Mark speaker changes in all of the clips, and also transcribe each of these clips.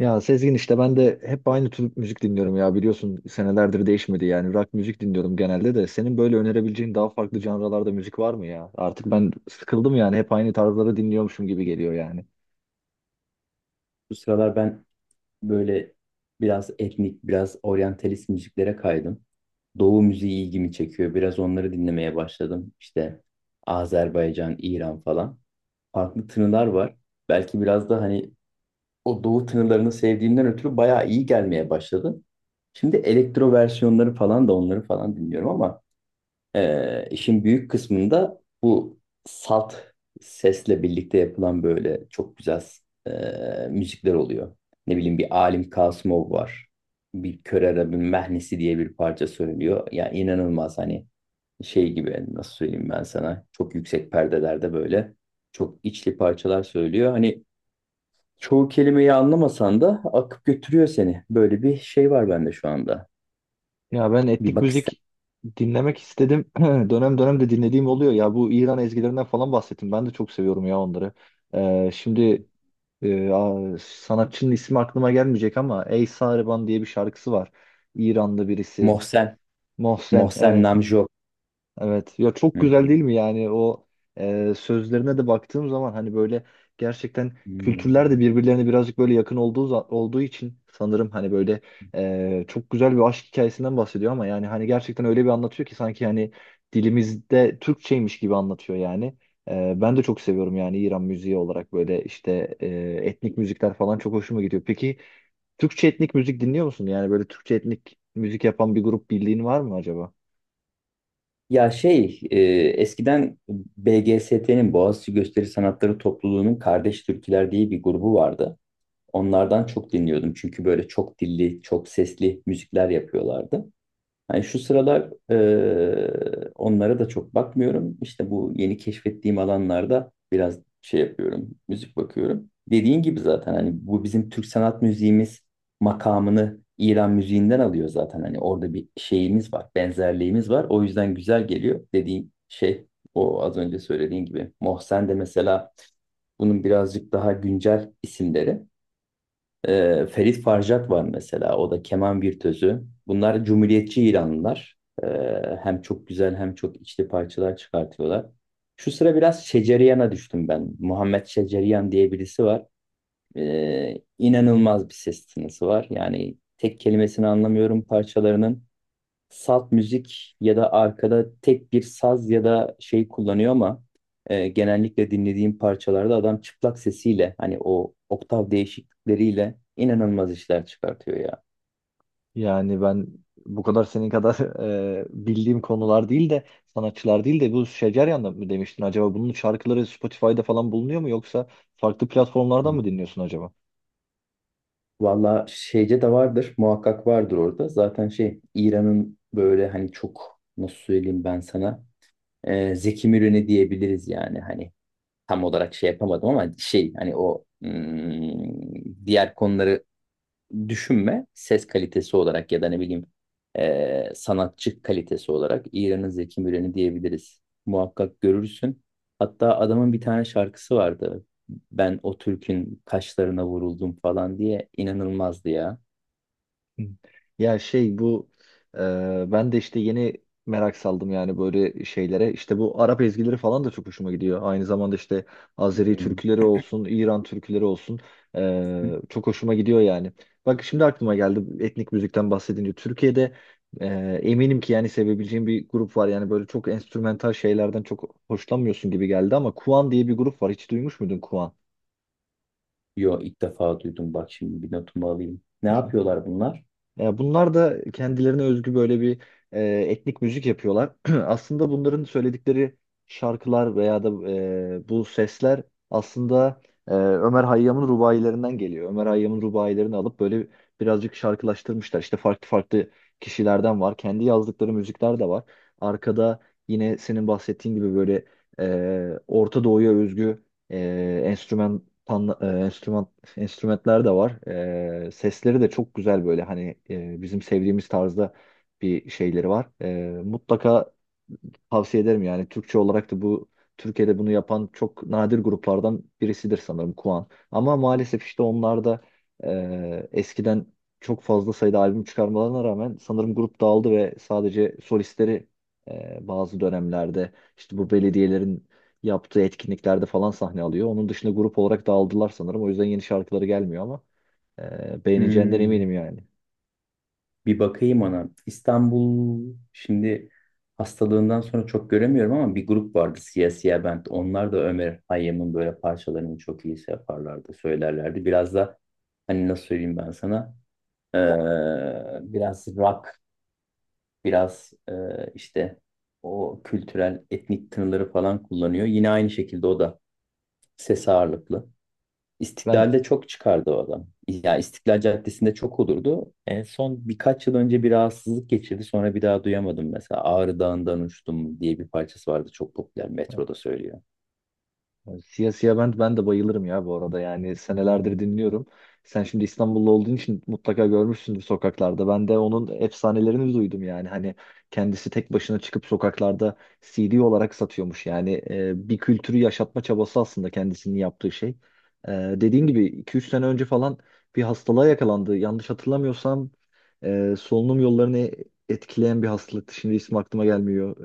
Speaker 1: Ya Sezgin işte ben de hep aynı tür müzik dinliyorum ya, biliyorsun senelerdir değişmedi yani, rock müzik dinliyorum genelde. De senin böyle önerebileceğin daha farklı janralarda müzik var mı ya? Artık ben sıkıldım yani, hep aynı tarzları dinliyormuşum gibi geliyor yani.
Speaker 2: Bu sıralar ben böyle biraz etnik, biraz oryantalist müziklere kaydım. Doğu müziği ilgimi çekiyor. Biraz onları dinlemeye başladım. İşte Azerbaycan, İran falan. Farklı tınılar var. Belki biraz da hani o doğu tınılarını sevdiğimden ötürü bayağı iyi gelmeye başladı. Şimdi elektro versiyonları falan da onları falan dinliyorum ama işin büyük kısmında bu salt sesle birlikte yapılan böyle çok güzel e, müzikler oluyor. Ne bileyim bir Alim Kasımov var. Bir Kör Arap'ın Mehnesi diye bir parça söylüyor. Ya inanılmaz hani şey gibi nasıl söyleyeyim ben sana çok yüksek perdelerde böyle çok içli parçalar söylüyor. Hani çoğu kelimeyi anlamasan da akıp götürüyor seni. Böyle bir şey var bende şu anda.
Speaker 1: Ya ben
Speaker 2: Bir
Speaker 1: etnik
Speaker 2: bak ister.
Speaker 1: müzik dinlemek istedim, dönem dönem de dinlediğim oluyor ya, bu İran ezgilerinden falan bahsettim, ben de çok seviyorum ya onları. Şimdi sanatçının ismi aklıma gelmeyecek ama Ey Sariban diye bir şarkısı var, İranlı birisi.
Speaker 2: Mohsen,
Speaker 1: Mohsen,
Speaker 2: Mohsen
Speaker 1: evet.
Speaker 2: Namjo.
Speaker 1: Evet ya, çok
Speaker 2: Hı
Speaker 1: güzel
Speaker 2: hı.
Speaker 1: değil mi yani? O sözlerine de baktığım zaman, hani böyle gerçekten kültürler de
Speaker 2: Hmm.
Speaker 1: birbirlerine birazcık böyle yakın olduğu için sanırım, hani böyle çok güzel bir aşk hikayesinden bahsediyor ama yani hani gerçekten öyle bir anlatıyor ki sanki hani dilimizde Türkçeymiş gibi anlatıyor yani. Ben de çok seviyorum yani, İran müziği olarak böyle işte, etnik müzikler falan çok hoşuma gidiyor. Peki Türkçe etnik müzik dinliyor musun? Yani böyle Türkçe etnik müzik yapan bir grup bildiğin var mı acaba?
Speaker 2: Ya şey, eskiden BGST'nin Boğaziçi Gösteri Sanatları Topluluğu'nun Kardeş Türküler diye bir grubu vardı. Onlardan çok dinliyordum çünkü böyle çok dilli, çok sesli müzikler yapıyorlardı. Yani şu sıralar onlara da çok bakmıyorum. İşte bu yeni keşfettiğim alanlarda biraz şey yapıyorum, müzik bakıyorum. Dediğin gibi zaten hani bu bizim Türk sanat müziğimiz makamını İran müziğinden alıyor zaten. Hani orada bir şeyimiz var, benzerliğimiz var. O yüzden güzel geliyor dediğin şey o az önce söylediğin gibi. Mohsen de mesela bunun birazcık daha güncel isimleri. Ferit Farjat var mesela. O da keman virtüözü. Bunlar cumhuriyetçi İranlılar. Ee, hem çok güzel hem çok içli parçalar çıkartıyorlar. Şu sıra biraz Şeceriyan'a düştüm ben. Muhammed Şeceriyan diye birisi var. İnanılmaz bir ses tınısı var. Yani tek kelimesini anlamıyorum parçalarının salt müzik ya da arkada tek bir saz ya da şey kullanıyor ama genellikle dinlediğim parçalarda adam çıplak sesiyle hani o oktav değişiklikleriyle inanılmaz işler çıkartıyor ya.
Speaker 1: Yani ben bu kadar senin kadar bildiğim konular değil de, sanatçılar değil de, bu Şeceryan da mı demiştin acaba? Bunun şarkıları Spotify'da falan bulunuyor mu, yoksa farklı platformlardan mı dinliyorsun acaba?
Speaker 2: Valla şeyce de vardır muhakkak vardır orada. Zaten şey İran'ın böyle hani çok nasıl söyleyeyim ben sana Zeki Müren'i diyebiliriz yani hani tam olarak şey yapamadım ama şey hani o diğer konuları düşünme ses kalitesi olarak ya da ne bileyim sanatçı kalitesi olarak İran'ın Zeki Müren'i diyebiliriz. Muhakkak görürsün. Hatta adamın bir tane şarkısı vardı. Ben o Türk'ün kaşlarına vuruldum falan diye inanılmazdı ya.
Speaker 1: Hı. Ya şey, bu e, ben de işte yeni merak saldım yani böyle şeylere. İşte bu Arap ezgileri falan da çok hoşuma gidiyor. Aynı zamanda işte Azeri
Speaker 2: Hmm.
Speaker 1: türküleri olsun, İran türküleri olsun,
Speaker 2: Hmm.
Speaker 1: çok hoşuma gidiyor yani. Bak şimdi aklıma geldi etnik müzikten bahsedince. Türkiye'de e, eminim ki yani sevebileceğim bir grup var. Yani böyle çok enstrümantal şeylerden çok hoşlanmıyorsun gibi geldi ama Kuan diye bir grup var. Hiç duymuş muydun Kuan?
Speaker 2: Yo ilk defa duydum. Bak şimdi bir notumu alayım. Ne yapıyorlar bunlar?
Speaker 1: Ya bunlar da kendilerine özgü böyle bir etnik müzik yapıyorlar. Aslında bunların söyledikleri şarkılar veya da bu sesler aslında Ömer Hayyam'ın rubailerinden geliyor. Ömer Hayyam'ın rubailerini alıp böyle birazcık şarkılaştırmışlar. İşte farklı farklı kişilerden var. Kendi yazdıkları müzikler de var. Arkada yine senin bahsettiğin gibi böyle Orta Doğu'ya özgü ee, enstrüman pan- e, enstrüman enstrümanlar da var. Sesleri de çok güzel böyle, hani bizim sevdiğimiz tarzda bir şeyleri var. Mutlaka tavsiye ederim yani. Türkçe olarak da bu Türkiye'de bunu yapan çok nadir gruplardan birisidir sanırım, Kuan. Ama maalesef işte onlar da eskiden çok fazla sayıda albüm çıkarmalarına rağmen sanırım grup dağıldı ve sadece solistleri bazı dönemlerde işte bu belediyelerin yaptığı etkinliklerde falan sahne alıyor. Onun dışında grup olarak dağıldılar sanırım. O yüzden yeni şarkıları gelmiyor ama beğeneceğinden
Speaker 2: Hmm.
Speaker 1: eminim yani.
Speaker 2: Bir bakayım ona. İstanbul şimdi hastalığından sonra çok göremiyorum ama bir grup vardı Siyah Siyah Band. Onlar da Ömer Hayyam'ın böyle parçalarını çok iyi şey yaparlardı, söylerlerdi. Biraz da hani nasıl söyleyeyim ben sana ee, biraz rock, biraz işte o kültürel etnik tınıları falan kullanıyor. Yine aynı şekilde o da ses ağırlıklı.
Speaker 1: Ben
Speaker 2: İstiklal'de çok çıkardı o adam. Ya İstiklal Caddesi'nde çok olurdu. En son birkaç yıl önce bir rahatsızlık geçirdi. Sonra bir daha duyamadım mesela. Ağrı Dağı'ndan uçtum diye bir parçası vardı. Çok popüler. Metroda söylüyor.
Speaker 1: Yani Siyah Siyah ben de bayılırım ya bu arada, yani senelerdir dinliyorum. Sen şimdi İstanbullu olduğun için mutlaka görmüşsündür sokaklarda. Ben de onun efsanelerini duydum yani. Hani kendisi tek başına çıkıp sokaklarda CD olarak satıyormuş. Yani bir kültürü yaşatma çabası aslında kendisinin yaptığı şey. E, dediğin gibi 2-3 sene önce falan bir hastalığa yakalandı. Yanlış hatırlamıyorsam solunum yollarını etkileyen bir hastalıktı. Şimdi ismi aklıma gelmiyor.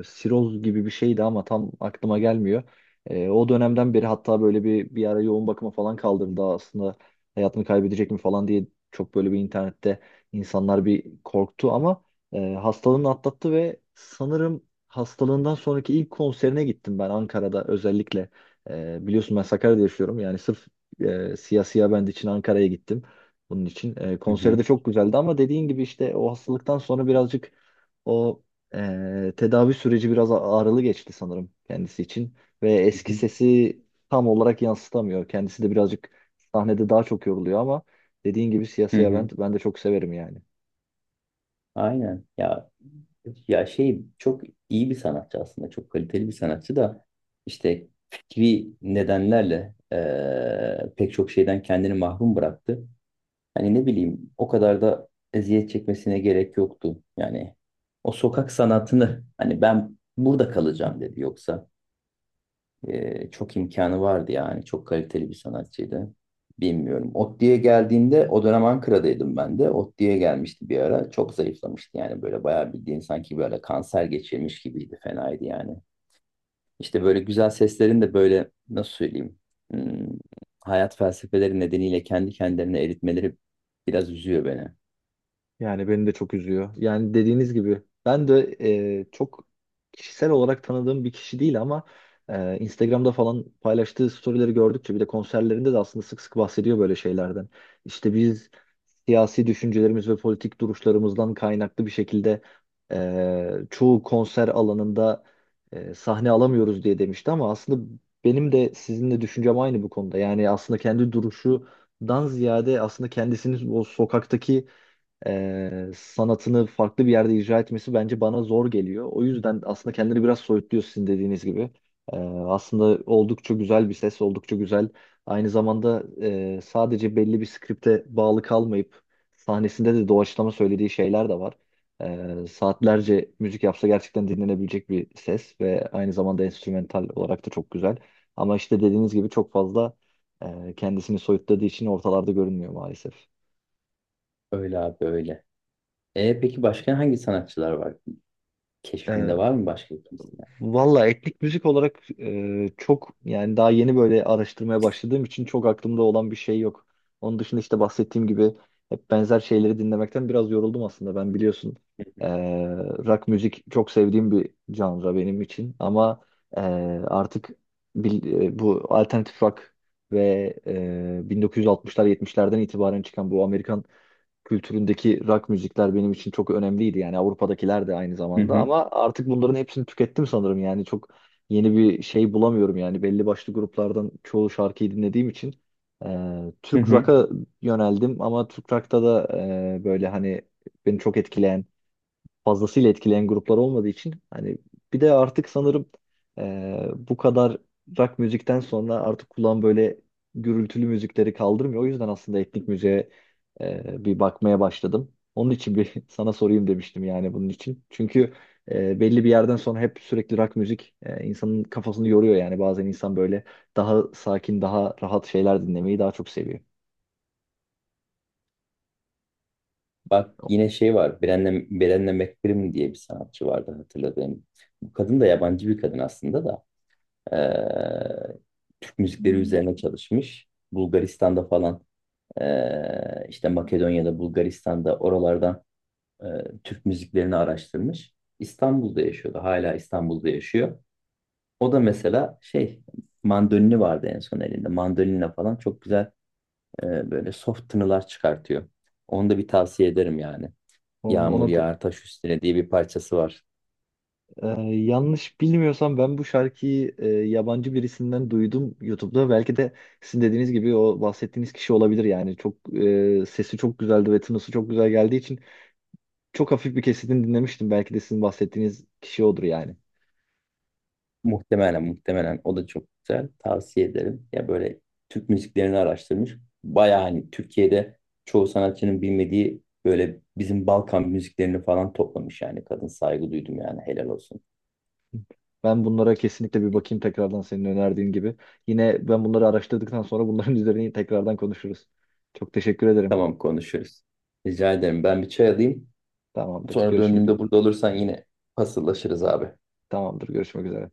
Speaker 1: E, siroz gibi bir şeydi ama tam aklıma gelmiyor. E, o dönemden beri hatta böyle bir ara yoğun bakıma falan kaldırıldı, aslında hayatını kaybedecek mi falan diye çok böyle bir internette insanlar bir korktu ama hastalığını atlattı ve sanırım hastalığından sonraki ilk konserine gittim ben, Ankara'da özellikle. E, biliyorsun ben Sakarya'da yaşıyorum, yani sırf Siyah Siyah Band için Ankara'ya gittim bunun için. E,
Speaker 2: Hı
Speaker 1: konseri de
Speaker 2: hı,
Speaker 1: çok güzeldi ama dediğin gibi işte o hastalıktan sonra birazcık o tedavi süreci biraz ağrılı geçti sanırım kendisi için ve
Speaker 2: hı
Speaker 1: eski
Speaker 2: hı,
Speaker 1: sesi tam olarak yansıtamıyor. Kendisi de birazcık sahnede daha çok yoruluyor ama dediğin gibi Siyah
Speaker 2: hı
Speaker 1: Siyah
Speaker 2: hı.
Speaker 1: ben de çok severim yani.
Speaker 2: Aynen. Ya şey çok iyi bir sanatçı aslında. Çok kaliteli bir sanatçı da işte fikri nedenlerle pek çok şeyden kendini mahrum bıraktı. Hani ne bileyim o kadar da eziyet çekmesine gerek yoktu. Yani o sokak sanatını hani ben burada kalacağım dedi. Yoksa çok imkanı vardı yani. Çok kaliteli bir sanatçıydı. Bilmiyorum. Otti'ye geldiğinde o dönem Ankara'daydım ben de. Otti'ye gelmişti bir ara. Çok zayıflamıştı yani böyle bayağı bildiğin sanki böyle kanser geçirmiş gibiydi. Fenaydı yani. İşte böyle güzel seslerin de böyle nasıl söyleyeyim hmm, hayat felsefeleri nedeniyle kendi kendilerine eritmeleri biraz üzüyor beni.
Speaker 1: Yani beni de çok üzüyor. Yani dediğiniz gibi ben de çok kişisel olarak tanıdığım bir kişi değil ama Instagram'da falan paylaştığı storyleri gördükçe, bir de konserlerinde de aslında sık sık bahsediyor böyle şeylerden. İşte biz siyasi düşüncelerimiz ve politik duruşlarımızdan kaynaklı bir şekilde çoğu konser alanında sahne alamıyoruz diye demişti ama aslında benim de sizinle düşüncem aynı bu konuda. Yani aslında kendi duruşu dan ziyade aslında kendisini o sokaktaki sanatını farklı bir yerde icra etmesi bence bana zor geliyor. O yüzden aslında kendini biraz soyutluyor sizin dediğiniz gibi. E, Aslında oldukça güzel bir ses, oldukça güzel. Aynı zamanda sadece belli bir skripte bağlı kalmayıp sahnesinde de doğaçlama söylediği şeyler de var. Saatlerce müzik yapsa gerçekten dinlenebilecek bir ses ve aynı zamanda enstrümantal olarak da çok güzel. Ama işte dediğiniz gibi çok fazla kendisini soyutladığı için ortalarda görünmüyor maalesef.
Speaker 2: Öyle abi öyle. Peki başka hangi sanatçılar var? Keşfinde var mı başka kimse?
Speaker 1: Valla etnik müzik olarak çok yani, daha yeni böyle araştırmaya başladığım için çok aklımda olan bir şey yok. Onun dışında işte bahsettiğim gibi hep benzer şeyleri dinlemekten biraz yoruldum aslında. Ben biliyorsun
Speaker 2: Hı
Speaker 1: e,
Speaker 2: hı.
Speaker 1: rock müzik çok sevdiğim bir canra benim için ama e, artık bu alternatif rock ve 1960'lar 70'lerden itibaren çıkan bu Amerikan kültüründeki rock müzikler benim için çok önemliydi. Yani Avrupa'dakiler de aynı
Speaker 2: Hı
Speaker 1: zamanda
Speaker 2: hı.
Speaker 1: ama artık bunların hepsini tükettim sanırım. Yani çok yeni bir şey bulamıyorum yani, belli başlı gruplardan çoğu şarkıyı dinlediğim için
Speaker 2: Hı
Speaker 1: Türk
Speaker 2: hı.
Speaker 1: rock'a yöneldim ama Türk rock'ta da böyle hani beni çok etkileyen fazlasıyla etkileyen gruplar olmadığı için hani bir de artık sanırım bu kadar rock müzikten sonra artık kulağım böyle gürültülü müzikleri kaldırmıyor. O yüzden aslında etnik müziğe bir bakmaya başladım. Onun için bir sana sorayım demiştim yani bunun için. Çünkü belli bir yerden sonra hep sürekli rock müzik insanın kafasını yoruyor yani. Bazen insan böyle daha sakin, daha rahat şeyler dinlemeyi daha çok seviyor.
Speaker 2: Bak yine şey var. Brené McBrim diye bir sanatçı vardı hatırladığım. Bu kadın da yabancı bir kadın aslında da. Ee, Türk müzikleri üzerine çalışmış. Bulgaristan'da falan işte Makedonya'da, Bulgaristan'da oralardan ee, Türk müziklerini araştırmış. İstanbul'da yaşıyordu. Hala İstanbul'da yaşıyor. O da mesela şey mandolini vardı en son elinde. Mandolinle falan çok güzel böyle soft tınılar çıkartıyor. Onu da bir tavsiye ederim yani.
Speaker 1: Ona,
Speaker 2: Yağmur
Speaker 1: ona, da
Speaker 2: yağar taş üstüne diye bir parçası var.
Speaker 1: Ee, yanlış bilmiyorsam ben bu şarkıyı yabancı birisinden duydum YouTube'da. Belki de sizin dediğiniz gibi o bahsettiğiniz kişi olabilir yani. Çok sesi çok güzeldi ve tınısı çok güzel geldiği için çok hafif bir kesitini dinlemiştim. Belki de sizin bahsettiğiniz kişi odur yani.
Speaker 2: Muhtemelen o da çok güzel. Tavsiye ederim. Ya böyle Türk müziklerini araştırmış. Baya hani Türkiye'de çoğu sanatçının bilmediği böyle bizim Balkan müziklerini falan toplamış yani. Kadın saygı duydum yani helal olsun.
Speaker 1: Ben bunlara kesinlikle bir bakayım tekrardan, senin önerdiğin gibi. Yine ben bunları araştırdıktan sonra bunların üzerine tekrardan konuşuruz. Çok teşekkür ederim.
Speaker 2: Tamam konuşuruz. Rica ederim. Ben bir çay alayım.
Speaker 1: Tamamdır,
Speaker 2: Sonra
Speaker 1: görüşmek
Speaker 2: döndüğümde
Speaker 1: üzere.
Speaker 2: burada olursan yine paslaşırız abi.
Speaker 1: Tamamdır, görüşmek üzere.